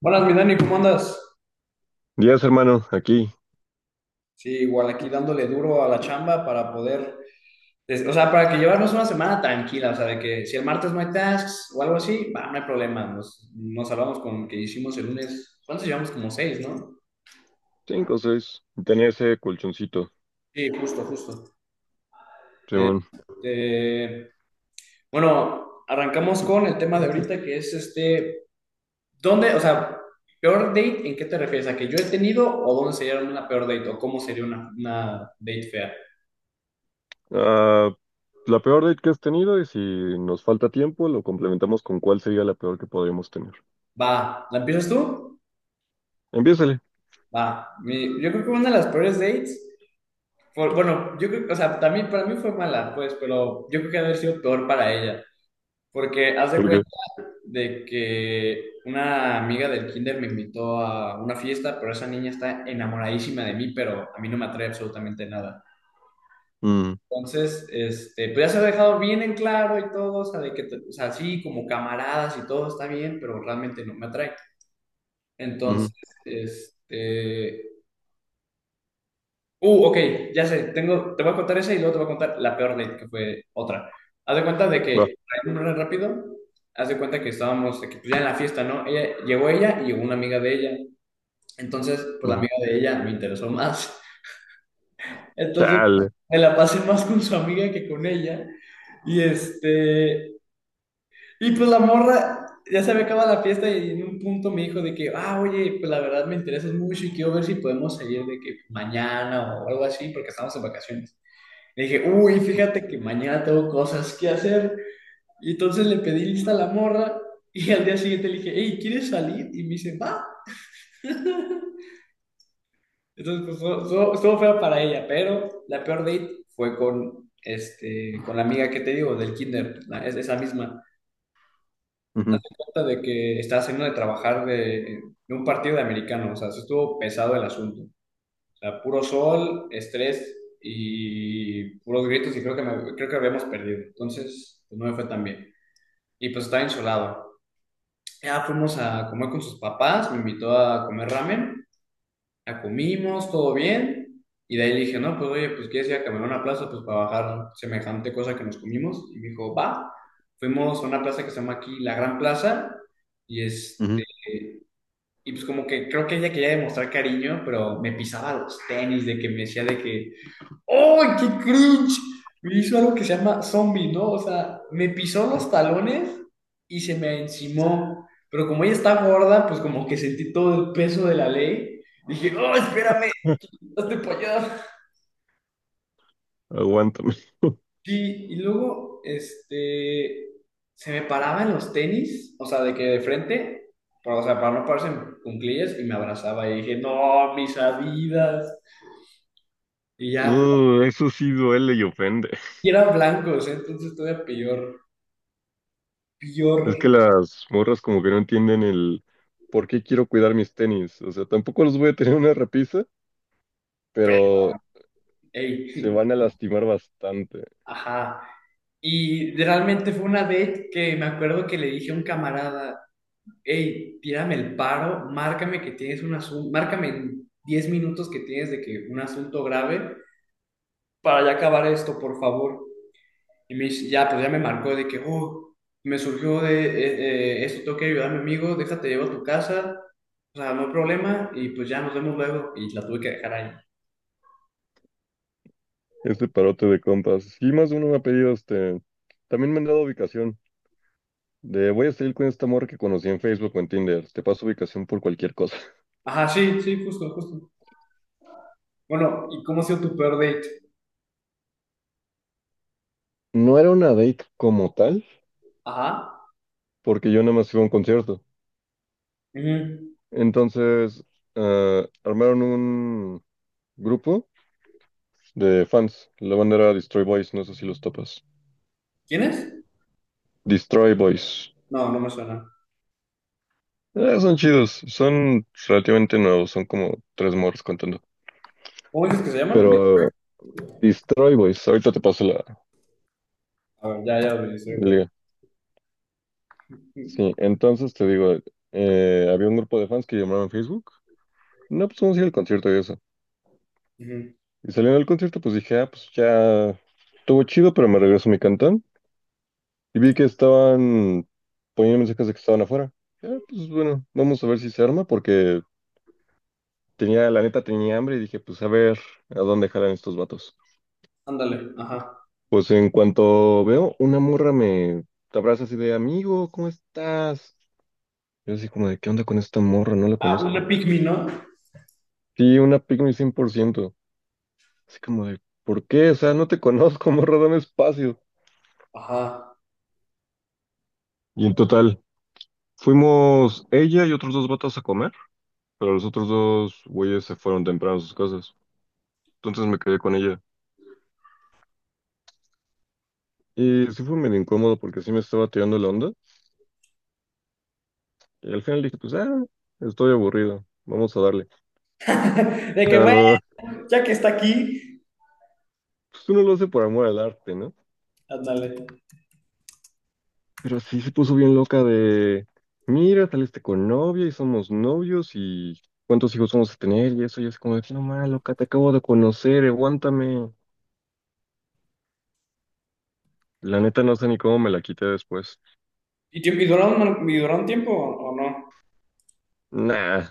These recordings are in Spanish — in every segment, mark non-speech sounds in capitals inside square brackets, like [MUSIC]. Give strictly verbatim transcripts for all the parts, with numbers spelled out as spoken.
Buenas, mi Dani, ¿cómo andas? Días, hermano, aquí. Sí, igual aquí dándole duro a la chamba para poder, des- o sea, para que llevarnos una semana tranquila, o sea, de que si el martes no hay tasks o algo así, va, no hay problema, nos, nos salvamos con que hicimos el lunes, ¿cuántos llevamos? Como seis, ¿no? Cinco, seis. Tenía ese colchoncito. Sí, justo, justo. Simón. Este, bueno, arrancamos con el tema de ahorita que es este, ¿dónde, o sea, peor date, en qué te refieres? ¿A que yo he tenido o dónde sería una peor date o cómo sería una, una date fea? Ah, la peor date que has tenido, y si nos falta tiempo, lo complementamos con cuál sería la peor que podríamos tener. Va, ¿la empiezas tú? Empiézale. Va, mi- yo creo que una de las peores dates, por- bueno, yo creo, o sea, también para mí fue mala, pues, pero yo creo que ha de haber sido peor para ella, porque haz de ¿Por qué? cuenta de que una amiga del kinder me invitó a una fiesta, pero esa niña está enamoradísima de mí, pero a mí no me atrae absolutamente nada. Mm. Entonces, este, pues ya se ha dejado bien en claro y todo, o sea, de que, te- o sea, sí, como camaradas y todo está bien, pero realmente no me atrae. Ujú. Entonces, este, Uh, ok, ya sé, tengo, te voy a contar esa y luego te voy a contar la peor date, que fue otra. Haz de cuenta de Va. que, para ir rápido, haz de cuenta que estábamos de que, pues, ya en la fiesta, ¿no? Ella, llegó ella y llegó una amiga de ella. Entonces, pues la Ujú. amiga de ella me interesó más. Entonces, Chale. me la pasé más con su amiga que con ella. Y este, y pues la morra, ya se había acabado la fiesta y en un punto me dijo de que, ah, oye, pues la verdad me interesas mucho y quiero ver si podemos salir de que mañana o algo así, porque estamos en vacaciones. Le dije, uy, fíjate que mañana tengo cosas que hacer. Y entonces le pedí lista a la morra y al día siguiente le dije, hey, ¿quieres salir? Y me dice, va. [LAUGHS] Entonces, pues, estuvo, estuvo- feo para ella, pero la peor date fue con, este, con la amiga que te digo, del kinder, la- es esa misma. Ujú, Hazte cuenta de que estaba saliendo de trabajar de, de un partido de americano, o sea, sí estuvo pesado el asunto. O sea, puro sol, estrés y puros gritos y creo que, me- creo que habíamos perdido. Entonces, pues, no me fue tan bien. Y pues estaba insolado. Ya fuimos a comer con sus papás, me invitó a comer ramen, ya comimos, todo bien, y de ahí le dije, no, pues oye, pues quieres ir a caminar a una plaza, pues para bajar semejante cosa que nos comimos, y me dijo, va, fuimos a una plaza que se llama aquí La Gran Plaza, y ujú. este, y pues como que creo que ella quería demostrar cariño, pero me pisaba los tenis, de que me decía de que ¡oh, qué cringe! Me hizo algo que se llama zombie, ¿no? O sea, me pisó los talones y se me encimó. Pero como ella está gorda, pues como que sentí todo el peso de la ley. Dije, ¡oh, espérame! [LAUGHS] ¡Hazte para allá! Aguántame. Sí, y luego, este, se me paraba en los tenis, o sea, de que de frente, pero, o sea, para no pararse en cuclillas, y me abrazaba y dije, ¡no, mis Adidas! Y ya, pues, Uh, eso sí duele y ofende. y eran blancos, ¿eh? Entonces todavía peor, peor. Es que las morras como que no entienden el por qué quiero cuidar mis tenis. O sea, tampoco los voy a tener en una repisa, pero se Ey, van a [LAUGHS] lastimar bastante. ajá. Y realmente fue una date que me acuerdo que le dije a un camarada, hey, tírame el paro, márcame que tienes un asunto, márcame en diez minutos que tienes de que un asunto grave para ya acabar esto, por favor. Y me dice, ya, pues ya me marcó de que, oh, me surgió de eh, eh, esto, tengo que ayudar a mi amigo, déjate, llevo a tu casa, o sea, no hay problema, y pues ya nos vemos luego. Y la tuve que dejar ahí. Este parote de compas. Sí, más de uno me ha pedido este. También me han dado ubicación. De voy a salir con esta morra que conocí en Facebook o en Tinder. Te paso ubicación por cualquier cosa. [LAUGHS] Ajá, sí, sí, justo, justo. Bueno, ¿y cómo ha sido tu peor date? No era una date como tal, Ajá. porque yo nada más iba a un concierto. Ujú. Entonces, ah, armaron un grupo de fans. La banda era Destroy Boys, no sé si los topas. ¿Quién es? Destroy Boys. No, no me suena. Eh, son chidos, son relativamente nuevos, son como tres morros contando. ¿Cómo dices que se llaman? Pero Destroy Boys, ahorita te paso la, A ver, ya, ya lo registré, güey. la, Ujú. sí, entonces te digo, eh, había un grupo de fans que llamaron en Facebook. No, pues vamos a ir al concierto y eso. Ujú. Y saliendo del concierto, pues dije, ah, pues ya estuvo chido, pero me regreso a mi cantón. Y vi que estaban poniendo mensajes de que estaban afuera. Ah, pues bueno, vamos a ver si se arma, porque tenía, la neta tenía hambre y dije, pues a ver a dónde jalan estos vatos. Ándale, ajá. Pues en cuanto veo, una morra me abraza así de, amigo, ¿cómo estás? Yo así como de, ¿qué onda con esta morra? No la Ah, una conozco. pygmy, ¿no? Sí, una pygmy cien por ciento. Así como de, ¿por qué? O sea, no te [LAUGHS] conozco, morra, dame espacio. Ajá. Y en total, fuimos ella y otros dos vatos a comer, pero los otros dos güeyes se fueron temprano a sus casas. Entonces me quedé con ella. Y sí fue medio incómodo porque sí me estaba tirando la onda. Y al final dije, pues, ah, estoy aburrido, vamos a darle. [LAUGHS] De que, Pero bueno, lo, [LAUGHS] ya que está aquí, pues uno lo hace por amor al arte, ¿no? ándale. Pero sí se puso bien loca de, mira, saliste con novia y somos novios y cuántos hijos vamos a tener y eso. Y es como de, "Sí, no mal, loca, te acabo de conocer, aguántame". La neta no sé ni cómo me la quité después. ¿Y, tu- y duró un, y duró tiempo o, o no? Nah,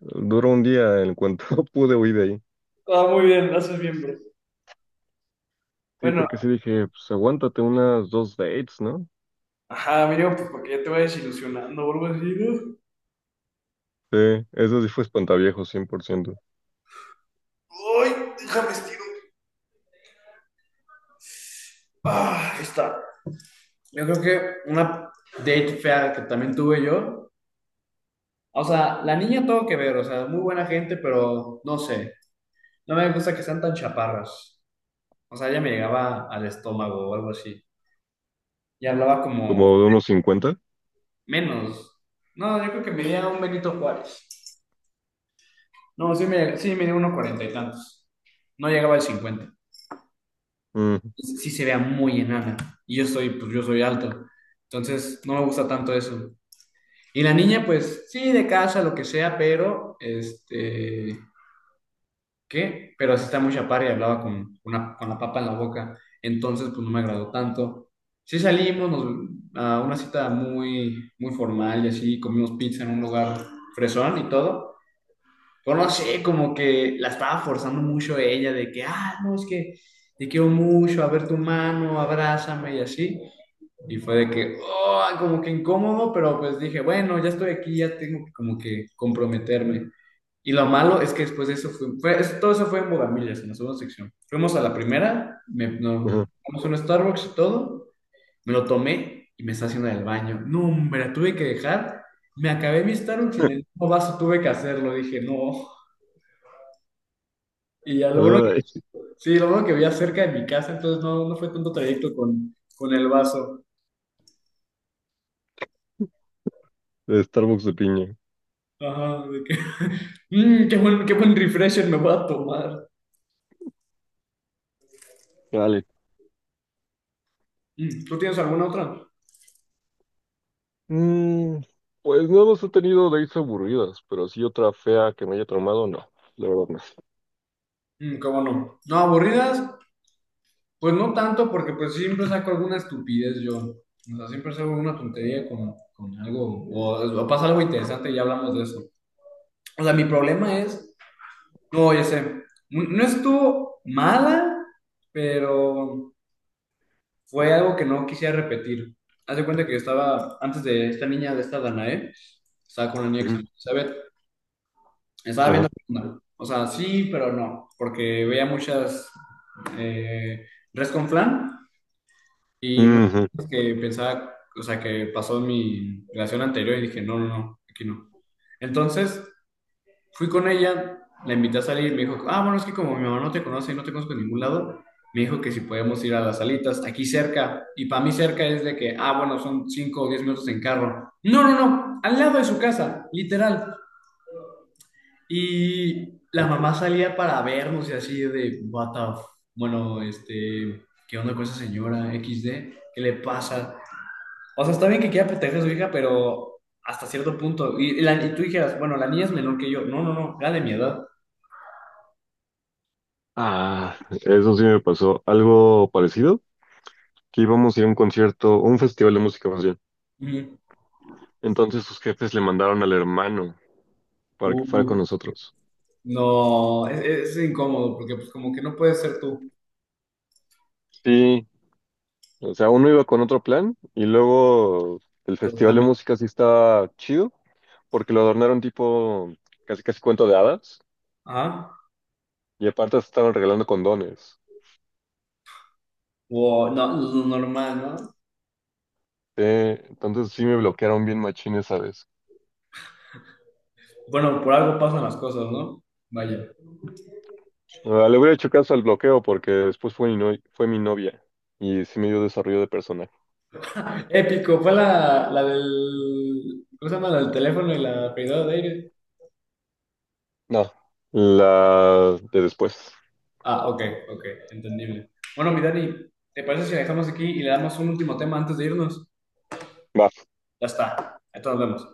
duró un día en cuanto [LAUGHS] pude huir de ahí. Ah, muy bien, lo haces bien, bro. Sí, Bueno, porque sí dije, pues aguántate unas dos dates, ¿no? ajá, mínimo, pues porque ya te vayas ilusionando o algo así, ¿no? Sí, eso sí fue espantaviejo, cien por ciento. Ay, déjame estiro. Ah, ahí está. Yo creo que una date fea que también tuve yo. O sea, la niña todo que ver, o sea, muy buena gente, pero no sé, no me gusta que sean tan chaparras. O sea, ella me llegaba al estómago o algo así. Y hablaba como Como de unos cincuenta. menos. No, yo creo que medía un Benito Juárez. No, sí me, sí medía unos cuarenta y tantos. No llegaba al cincuenta. Mm. Sí se vea muy enana. Y yo soy, pues yo soy alto. Entonces, no me gusta tanto eso. Y la niña, pues, sí, de casa, lo que sea, pero, este, ¿qué? Pero así está muy chaparra y hablaba con, una, con la papa en la boca. Entonces, pues no me agradó tanto. Sí salimos nos- a una cita muy, muy formal y así, comimos pizza en un lugar fresón y todo. Pero no sé, como que la estaba forzando mucho ella de que, ah, no, es que te quiero mucho, a ver tu mano, abrázame y así. Y fue de que, oh, como que incómodo, pero pues dije, bueno, ya estoy aquí, ya tengo que como que comprometerme. Y lo malo es que después de eso fue, fue- eso- todo eso fue en Bodamillas, en la segunda sección. Fuimos a la primera, me, [LAUGHS] Ajá. nos tomamos un Starbucks y todo, me lo tomé y me estaba haciendo del baño. No, hombre, la tuve que dejar. Me acabé mi Starbucks y en el mismo vaso tuve que hacerlo. Dije, no. Y ya lo bueno que, Ay, sí, lo bueno que vivía cerca de mi casa, entonces no, no fue tanto trayecto con, con el vaso. de Starbucks de piña. Ajá, de que, [LAUGHS] "Mm, qué buen, qué buen refresher me voy a tomar". Vale. Mm, ¿tú tienes alguna otra? Mm, pues no más he tenido dates aburridas, pero sí otra fea que me haya traumado, no, la verdad no. Mm, cómo no. No, aburridas, pues no tanto, porque pues siempre saco alguna estupidez yo. O sea, siempre saco alguna tontería con, con algo, o, o pasa algo interesante y ya hablamos de eso. O sea, mi problema es, no, ya sé, no no estuvo mala, pero fue algo que no quisiera repetir. Haz de cuenta que yo estaba, antes de esta niña, de esta Danae, estaba con la niña que se Ujú, llama Elizabeth. Estaba viendo, ajá, qué onda. O sea, sí, pero no, porque veía muchas eh, res con flan y muchas ujú. cosas que pensaba, o sea, que pasó en mi relación anterior y dije, no, no, no, aquí no. Entonces, fui con ella, la invité a salir y me dijo, ah, bueno, es que como mi mamá no te conoce y no te conozco en ningún lado, me dijo que si podemos ir a las salitas, aquí cerca, y para mí cerca es de que, ah, bueno, son cinco o diez minutos en carro. No, no, no, al lado de su casa, literal. Y la mamá salía para vernos y así de, "what the f-". Bueno, este, ¿qué onda con esa señora equis de? ¿Qué le pasa? O sea, está bien que quiera proteger a su hija, pero hasta cierto punto. Y, la- y tú dijeras, bueno, la niña es menor que yo. No, no, no, era de mi edad. Ah, eso sí me pasó. Algo parecido, que íbamos a ir a un concierto, un festival de música más bien. Ujú. Entonces sus jefes le mandaron al hermano para que fuera con Uh, nosotros. no, es, es incómodo porque pues como que no puedes ser tú. Sí, o sea, uno iba con otro plan y luego el Pero festival de también, música sí estaba chido porque lo adornaron tipo casi casi cuento de hadas ajá. y aparte estaban regalando condones. O no, lo normal, ¿no? Eh, entonces sí me bloquearon bien machín esa vez. Bueno, por algo pasan las cosas, ¿no? Vaya. Ah, le hubiera hecho caso al bloqueo porque después fue mi, no- fue mi novia y sí me dio desarrollo de personaje. Épico, fue la, la del. ¿Cómo se llama? La del teléfono y la privada de aire. No, la de después. Ah, ok, ok, entendible. Bueno, mi Dani, ¿te parece si la dejamos aquí y le damos un último tema antes de irnos? Va. Ya está, ahí nos vemos.